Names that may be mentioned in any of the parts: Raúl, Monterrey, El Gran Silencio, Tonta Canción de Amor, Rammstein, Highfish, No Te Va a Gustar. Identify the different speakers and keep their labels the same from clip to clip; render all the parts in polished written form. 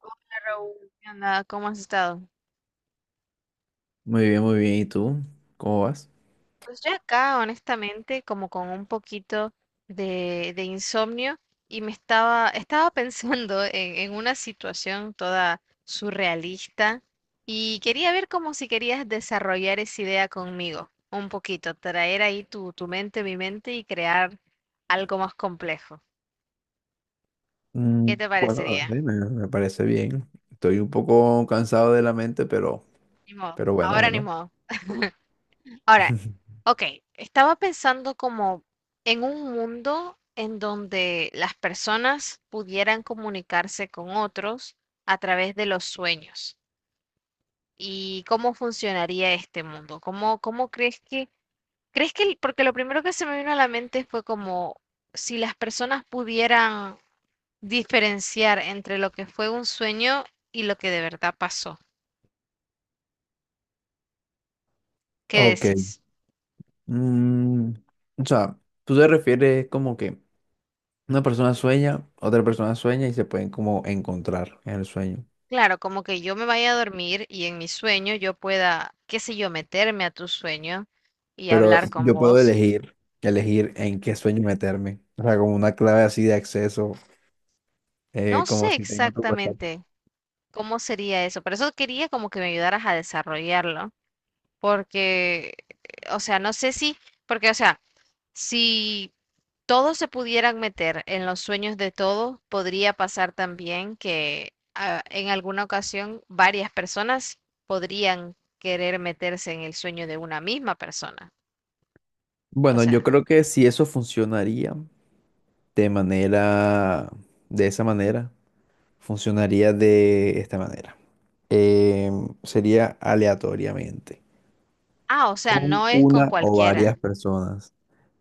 Speaker 1: Hola Raúl, ¿qué onda? ¿Cómo has estado?
Speaker 2: Muy bien, muy bien. ¿Y tú? ¿Cómo vas?
Speaker 1: Pues yo acá, honestamente, como con un poquito de insomnio y me estaba pensando en una situación toda surrealista y quería ver como si querías desarrollar esa idea conmigo, un poquito, traer ahí tu mente, mi mente y crear algo más complejo. ¿Qué te
Speaker 2: Bueno,
Speaker 1: parecería?
Speaker 2: dale, me parece bien. Estoy un poco cansado de la mente, pero,
Speaker 1: Ni modo,
Speaker 2: pero bueno,
Speaker 1: ahora ni
Speaker 2: bueno.
Speaker 1: modo. Ahora, ok, estaba pensando como en un mundo en donde las personas pudieran comunicarse con otros a través de los sueños. ¿Y cómo funcionaría este mundo? ¿Cómo crees que, porque lo primero que se me vino a la mente fue como si las personas pudieran diferenciar entre lo que fue un sueño y lo que de verdad pasó? ¿Qué
Speaker 2: Ok.
Speaker 1: decís?
Speaker 2: Mm, o sea, tú te refieres como que una persona sueña, otra persona sueña y se pueden como encontrar en el sueño.
Speaker 1: Claro, como que yo me vaya a dormir y en mi sueño yo pueda, qué sé yo, meterme a tu sueño y
Speaker 2: Pero
Speaker 1: hablar con
Speaker 2: yo puedo
Speaker 1: vos.
Speaker 2: elegir, elegir en qué sueño meterme. O sea, como una clave así de acceso,
Speaker 1: No
Speaker 2: como
Speaker 1: sé
Speaker 2: si tengo tu WhatsApp.
Speaker 1: exactamente cómo sería eso, por eso quería como que me ayudaras a desarrollarlo, porque, o sea, no sé si, porque, o sea, si todos se pudieran meter en los sueños de todos, podría pasar también que en alguna ocasión varias personas podrían querer meterse en el sueño de una misma persona. O
Speaker 2: Bueno,
Speaker 1: sea,
Speaker 2: yo creo que si eso funcionaría. De de esa manera, funcionaría de esta manera. Sería aleatoriamente,
Speaker 1: ah, o sea,
Speaker 2: con
Speaker 1: no es con
Speaker 2: una o
Speaker 1: cualquiera.
Speaker 2: varias personas,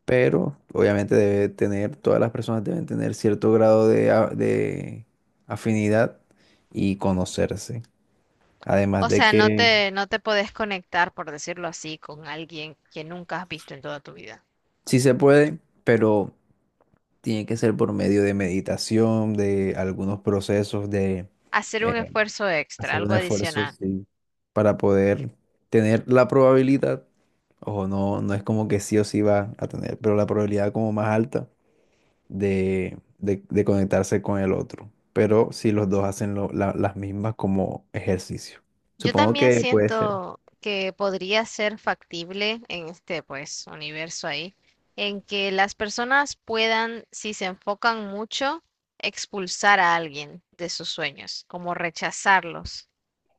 Speaker 2: pero obviamente debe tener, todas las personas deben tener cierto grado de afinidad y conocerse. Además
Speaker 1: O
Speaker 2: de
Speaker 1: sea, no
Speaker 2: que
Speaker 1: te, no te podés conectar, por decirlo así, con alguien que nunca has visto en toda tu vida.
Speaker 2: sí se puede, pero tiene que ser por medio de meditación, de algunos procesos de
Speaker 1: Hacer un
Speaker 2: eh,
Speaker 1: esfuerzo extra,
Speaker 2: hacer
Speaker 1: algo
Speaker 2: un esfuerzo,
Speaker 1: adicional.
Speaker 2: sí, para poder tener la probabilidad, ojo, no, no es como que sí o sí va a tener, pero la probabilidad como más alta de conectarse con el otro. Pero si los dos hacen las mismas como ejercicio.
Speaker 1: Yo
Speaker 2: Supongo
Speaker 1: también
Speaker 2: que puede ser.
Speaker 1: siento que podría ser factible en este, pues, universo ahí, en que las personas puedan, si se enfocan mucho, expulsar a alguien de sus sueños, como rechazarlos,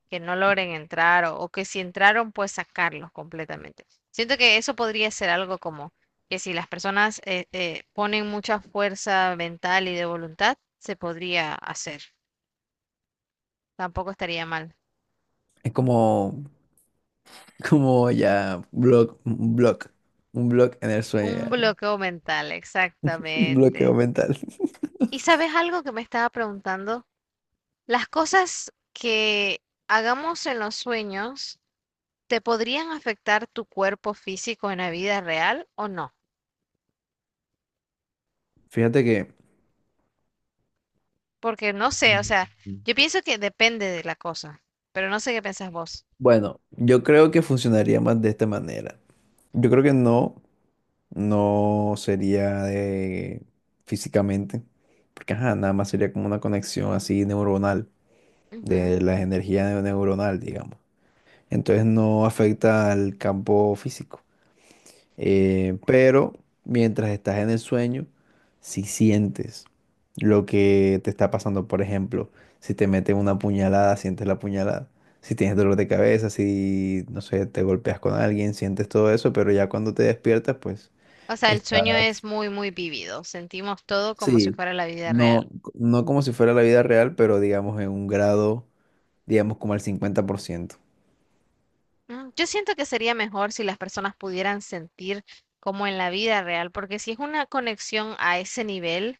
Speaker 1: que no logren entrar o que si entraron, pues sacarlos completamente. Siento que eso podría ser algo como que si las personas ponen mucha fuerza mental y de voluntad, se podría hacer. Tampoco estaría mal.
Speaker 2: Es como, como ya blog, un blog en el sueño,
Speaker 1: Un
Speaker 2: ya,
Speaker 1: bloqueo mental,
Speaker 2: un bloqueo
Speaker 1: exactamente.
Speaker 2: mental.
Speaker 1: ¿Y sabes algo que me estaba preguntando? Las cosas que hagamos en los sueños, ¿te podrían afectar tu cuerpo físico en la vida real o no?
Speaker 2: Fíjate que,
Speaker 1: Porque no sé, o sea,
Speaker 2: Mm.
Speaker 1: yo pienso que depende de la cosa, pero no sé qué pensás vos.
Speaker 2: bueno, yo creo que funcionaría más de esta manera. Yo creo que no, no sería de físicamente, porque ajá, nada más sería como una conexión así neuronal,
Speaker 1: Ujú.
Speaker 2: de las energías neuronal, digamos. Entonces no afecta al campo físico. Pero mientras estás en el sueño, si sientes lo que te está pasando, por ejemplo, si te meten una puñalada, sientes la puñalada. Si tienes dolor de cabeza, si, no sé, te golpeas con alguien, sientes todo eso, pero ya cuando te despiertas, pues.
Speaker 1: O sea, el sueño es
Speaker 2: Estás,
Speaker 1: muy, muy vívido, sentimos todo como si
Speaker 2: sí,
Speaker 1: fuera la vida
Speaker 2: no,
Speaker 1: real.
Speaker 2: no como si fuera la vida real, pero digamos en un grado, digamos como al 50%.
Speaker 1: Mm, yo siento que sería mejor si las personas pudieran sentir como en la vida real, porque si es una conexión a ese nivel,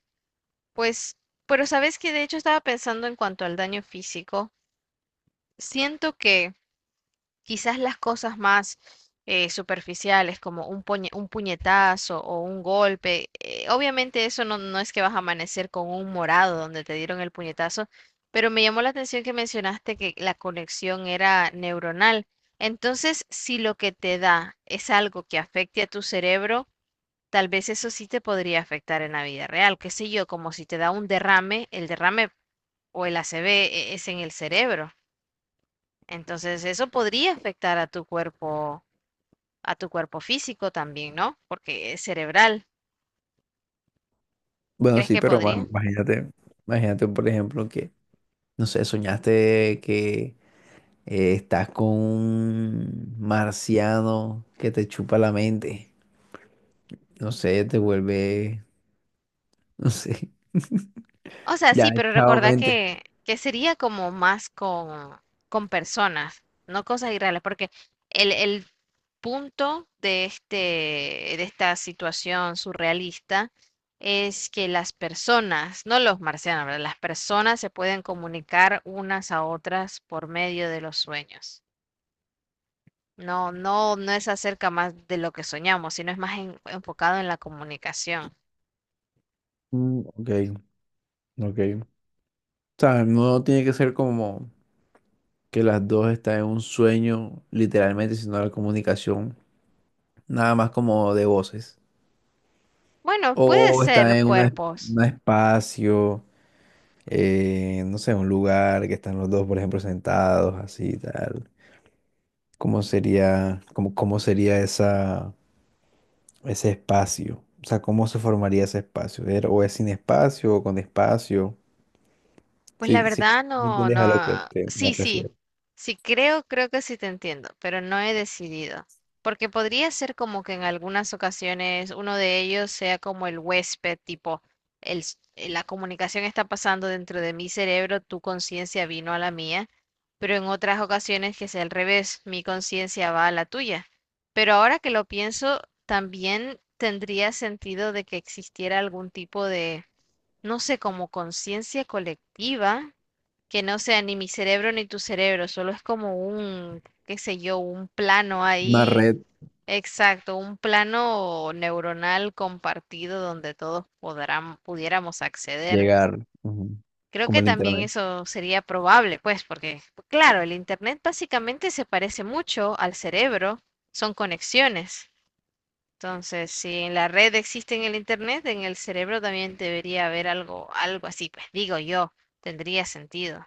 Speaker 1: pues, pero sabes que de hecho estaba pensando en cuanto al daño físico, siento que quizás las cosas más superficiales, como un, un puñetazo o un golpe, obviamente eso no, no es que vas a amanecer con un morado donde te dieron el puñetazo, pero me llamó la atención que mencionaste que la conexión era neuronal. Entonces, si lo que te da es algo que afecte a tu cerebro, tal vez eso sí te podría afectar en la vida real, qué sé yo, como si te da un derrame, el derrame o el ACV es en el cerebro. Entonces, eso podría afectar a tu cuerpo físico también, ¿no? Porque es cerebral.
Speaker 2: Bueno,
Speaker 1: ¿Crees
Speaker 2: sí,
Speaker 1: que
Speaker 2: pero ma-
Speaker 1: podría?
Speaker 2: imagínate, imagínate, por ejemplo, que, no sé, soñaste que estás con un marciano que te chupa la mente. No sé, te vuelve, no sé,
Speaker 1: O sea, sí,
Speaker 2: ya,
Speaker 1: pero
Speaker 2: chao
Speaker 1: recordá
Speaker 2: mente.
Speaker 1: que sería como más con personas, no cosas irreales, porque el punto de este, de esta situación surrealista es que las personas, no los marcianos, ¿verdad? Las personas se pueden comunicar unas a otras por medio de los sueños. No es acerca más de lo que soñamos, sino es más enfocado en la comunicación.
Speaker 2: Ok, ok. O sea, no tiene que ser como que las dos están en un sueño, literalmente, sino la comunicación. Nada más como de voces.
Speaker 1: Bueno, puede
Speaker 2: O
Speaker 1: ser
Speaker 2: está en una
Speaker 1: cuerpos.
Speaker 2: un espacio, no sé, un lugar que están los dos, por ejemplo, sentados, así, tal. ¿Cómo sería, cómo sería ese espacio? O sea, ¿cómo se formaría ese espacio? ¿O es sin espacio o con espacio?
Speaker 1: Pues la
Speaker 2: Sí, sí,
Speaker 1: verdad
Speaker 2: ¿me
Speaker 1: no,
Speaker 2: entiendes a lo que
Speaker 1: no.
Speaker 2: me
Speaker 1: Sí, sí.
Speaker 2: refiero?
Speaker 1: Sí creo, creo que sí te entiendo, pero no he decidido. Porque podría ser como que en algunas ocasiones uno de ellos sea como el huésped, tipo, la comunicación está pasando dentro de mi cerebro, tu conciencia vino a la mía, pero en otras ocasiones que sea al revés, mi conciencia va a la tuya. Pero ahora que lo pienso, también tendría sentido de que existiera algún tipo de no sé, como conciencia colectiva, que no sea ni mi cerebro ni tu cerebro, solo es como un, qué sé yo, un plano
Speaker 2: Una
Speaker 1: ahí,
Speaker 2: red,
Speaker 1: exacto, un plano neuronal compartido donde todos podrán, pudiéramos acceder.
Speaker 2: llegar, ujú,
Speaker 1: Creo
Speaker 2: como
Speaker 1: que
Speaker 2: el
Speaker 1: también
Speaker 2: internet.
Speaker 1: eso sería probable, pues, porque, claro, el Internet básicamente se parece mucho al cerebro, son conexiones. Entonces, si en la red existe en el internet, en el cerebro también debería haber algo, algo así, pues digo yo, tendría sentido.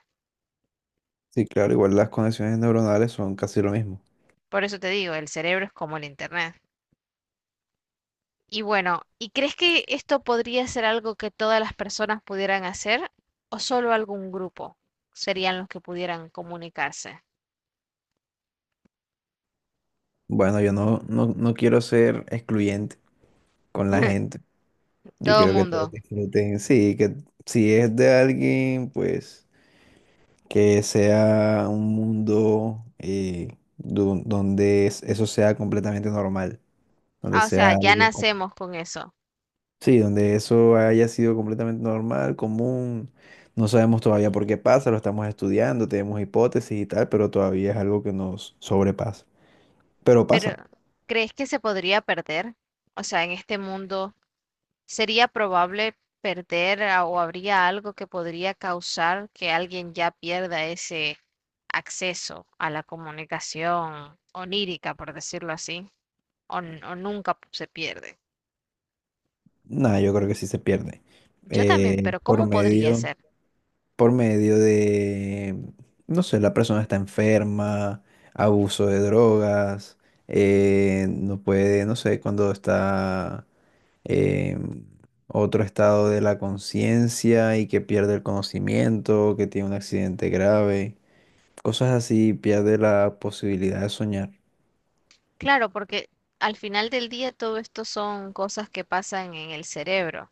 Speaker 2: Sí, claro, igual las conexiones neuronales son casi lo mismo.
Speaker 1: Por eso te digo, el cerebro es como el internet. Y bueno, ¿y crees que esto podría ser algo que todas las personas pudieran hacer o solo algún grupo serían los que pudieran comunicarse?
Speaker 2: Bueno, yo no, no, no quiero ser excluyente con la gente. Yo
Speaker 1: Todo
Speaker 2: quiero que todos
Speaker 1: mundo.
Speaker 2: disfruten. Sí, que si es de alguien, pues que sea un mundo donde eso sea completamente normal, donde
Speaker 1: Ah, o sea,
Speaker 2: sea
Speaker 1: ya
Speaker 2: algo como...
Speaker 1: nacemos con eso.
Speaker 2: Sí, donde eso haya sido completamente normal, común. No sabemos todavía por qué pasa, lo estamos estudiando, tenemos hipótesis y tal, pero todavía es algo que nos sobrepasa. Pero
Speaker 1: Pero,
Speaker 2: pasa.
Speaker 1: ¿crees que se podría perder? O sea, en este mundo, ¿sería probable perder o habría algo que podría causar que alguien ya pierda ese acceso a la comunicación onírica, por decirlo así, o, o nunca se pierde?
Speaker 2: Nada, yo creo que sí se pierde.
Speaker 1: Yo también,
Speaker 2: Eh,
Speaker 1: pero
Speaker 2: por
Speaker 1: ¿cómo podría
Speaker 2: medio...
Speaker 1: ser?
Speaker 2: por medio de, no sé, la persona está enferma, abuso de drogas, no puede, no sé, cuando está en otro estado de la conciencia y que pierde el conocimiento, que tiene un accidente grave, cosas así, pierde la posibilidad de soñar.
Speaker 1: Claro, porque al final del día todo esto son cosas que pasan en el cerebro.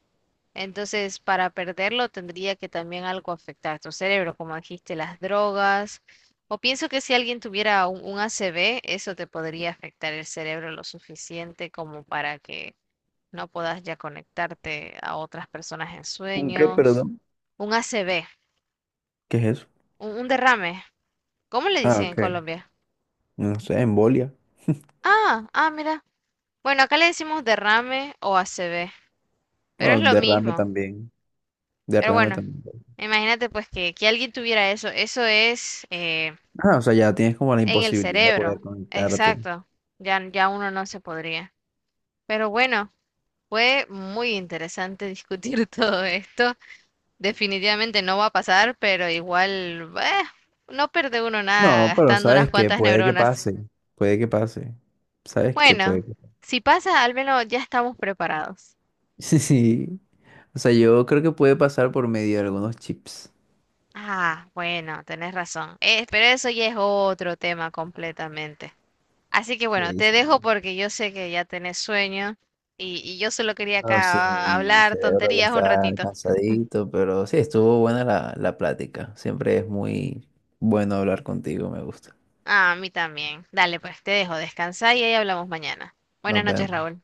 Speaker 1: Entonces, para perderlo tendría que también algo afectar a tu cerebro, como dijiste, las drogas. O pienso que si alguien tuviera un ACV, eso te podría afectar el cerebro lo suficiente como para que no puedas ya conectarte a otras personas en
Speaker 2: ¿Un qué,
Speaker 1: sueños.
Speaker 2: perdón?
Speaker 1: Un ACV,
Speaker 2: ¿Qué es eso?
Speaker 1: un derrame. ¿Cómo le
Speaker 2: Ah,
Speaker 1: dicen en
Speaker 2: ok.
Speaker 1: Colombia?
Speaker 2: No sé, embolia.
Speaker 1: Ah, ah, mira. Bueno, acá le decimos derrame o ACV, pero es
Speaker 2: Bueno,
Speaker 1: lo
Speaker 2: derrame
Speaker 1: mismo.
Speaker 2: también.
Speaker 1: Pero
Speaker 2: Derrame
Speaker 1: bueno,
Speaker 2: también.
Speaker 1: imagínate pues que alguien tuviera eso. Eso es...
Speaker 2: Ah, o sea, ya tienes como la
Speaker 1: en el
Speaker 2: imposibilidad de poder
Speaker 1: cerebro,
Speaker 2: conectarte.
Speaker 1: exacto. Ya, ya uno no se podría. Pero bueno, fue muy interesante discutir todo esto. Definitivamente no va a pasar, pero igual, no pierde uno nada
Speaker 2: No, pero
Speaker 1: gastando unas
Speaker 2: sabes que
Speaker 1: cuantas neuronas.
Speaker 2: puede que pase, sabes que puede
Speaker 1: Bueno,
Speaker 2: que...
Speaker 1: si pasa, al menos ya estamos preparados.
Speaker 2: Sí, o sea, yo creo que puede pasar por medio de algunos chips.
Speaker 1: Ah, bueno, tenés razón. Pero eso ya es otro tema completamente. Así que bueno,
Speaker 2: Sí,
Speaker 1: te
Speaker 2: sí.
Speaker 1: dejo porque yo sé que ya tenés sueño y yo solo quería
Speaker 2: No sé,
Speaker 1: acá
Speaker 2: mi
Speaker 1: hablar
Speaker 2: cerebro ya
Speaker 1: tonterías un
Speaker 2: está
Speaker 1: ratito.
Speaker 2: cansadito, pero sí, estuvo buena la plática. Siempre es muy bueno hablar contigo, me gusta.
Speaker 1: Ah, a mí también. Dale, pues te dejo, descansar y ahí hablamos mañana. Buenas
Speaker 2: Nos
Speaker 1: noches,
Speaker 2: vemos.
Speaker 1: Raúl.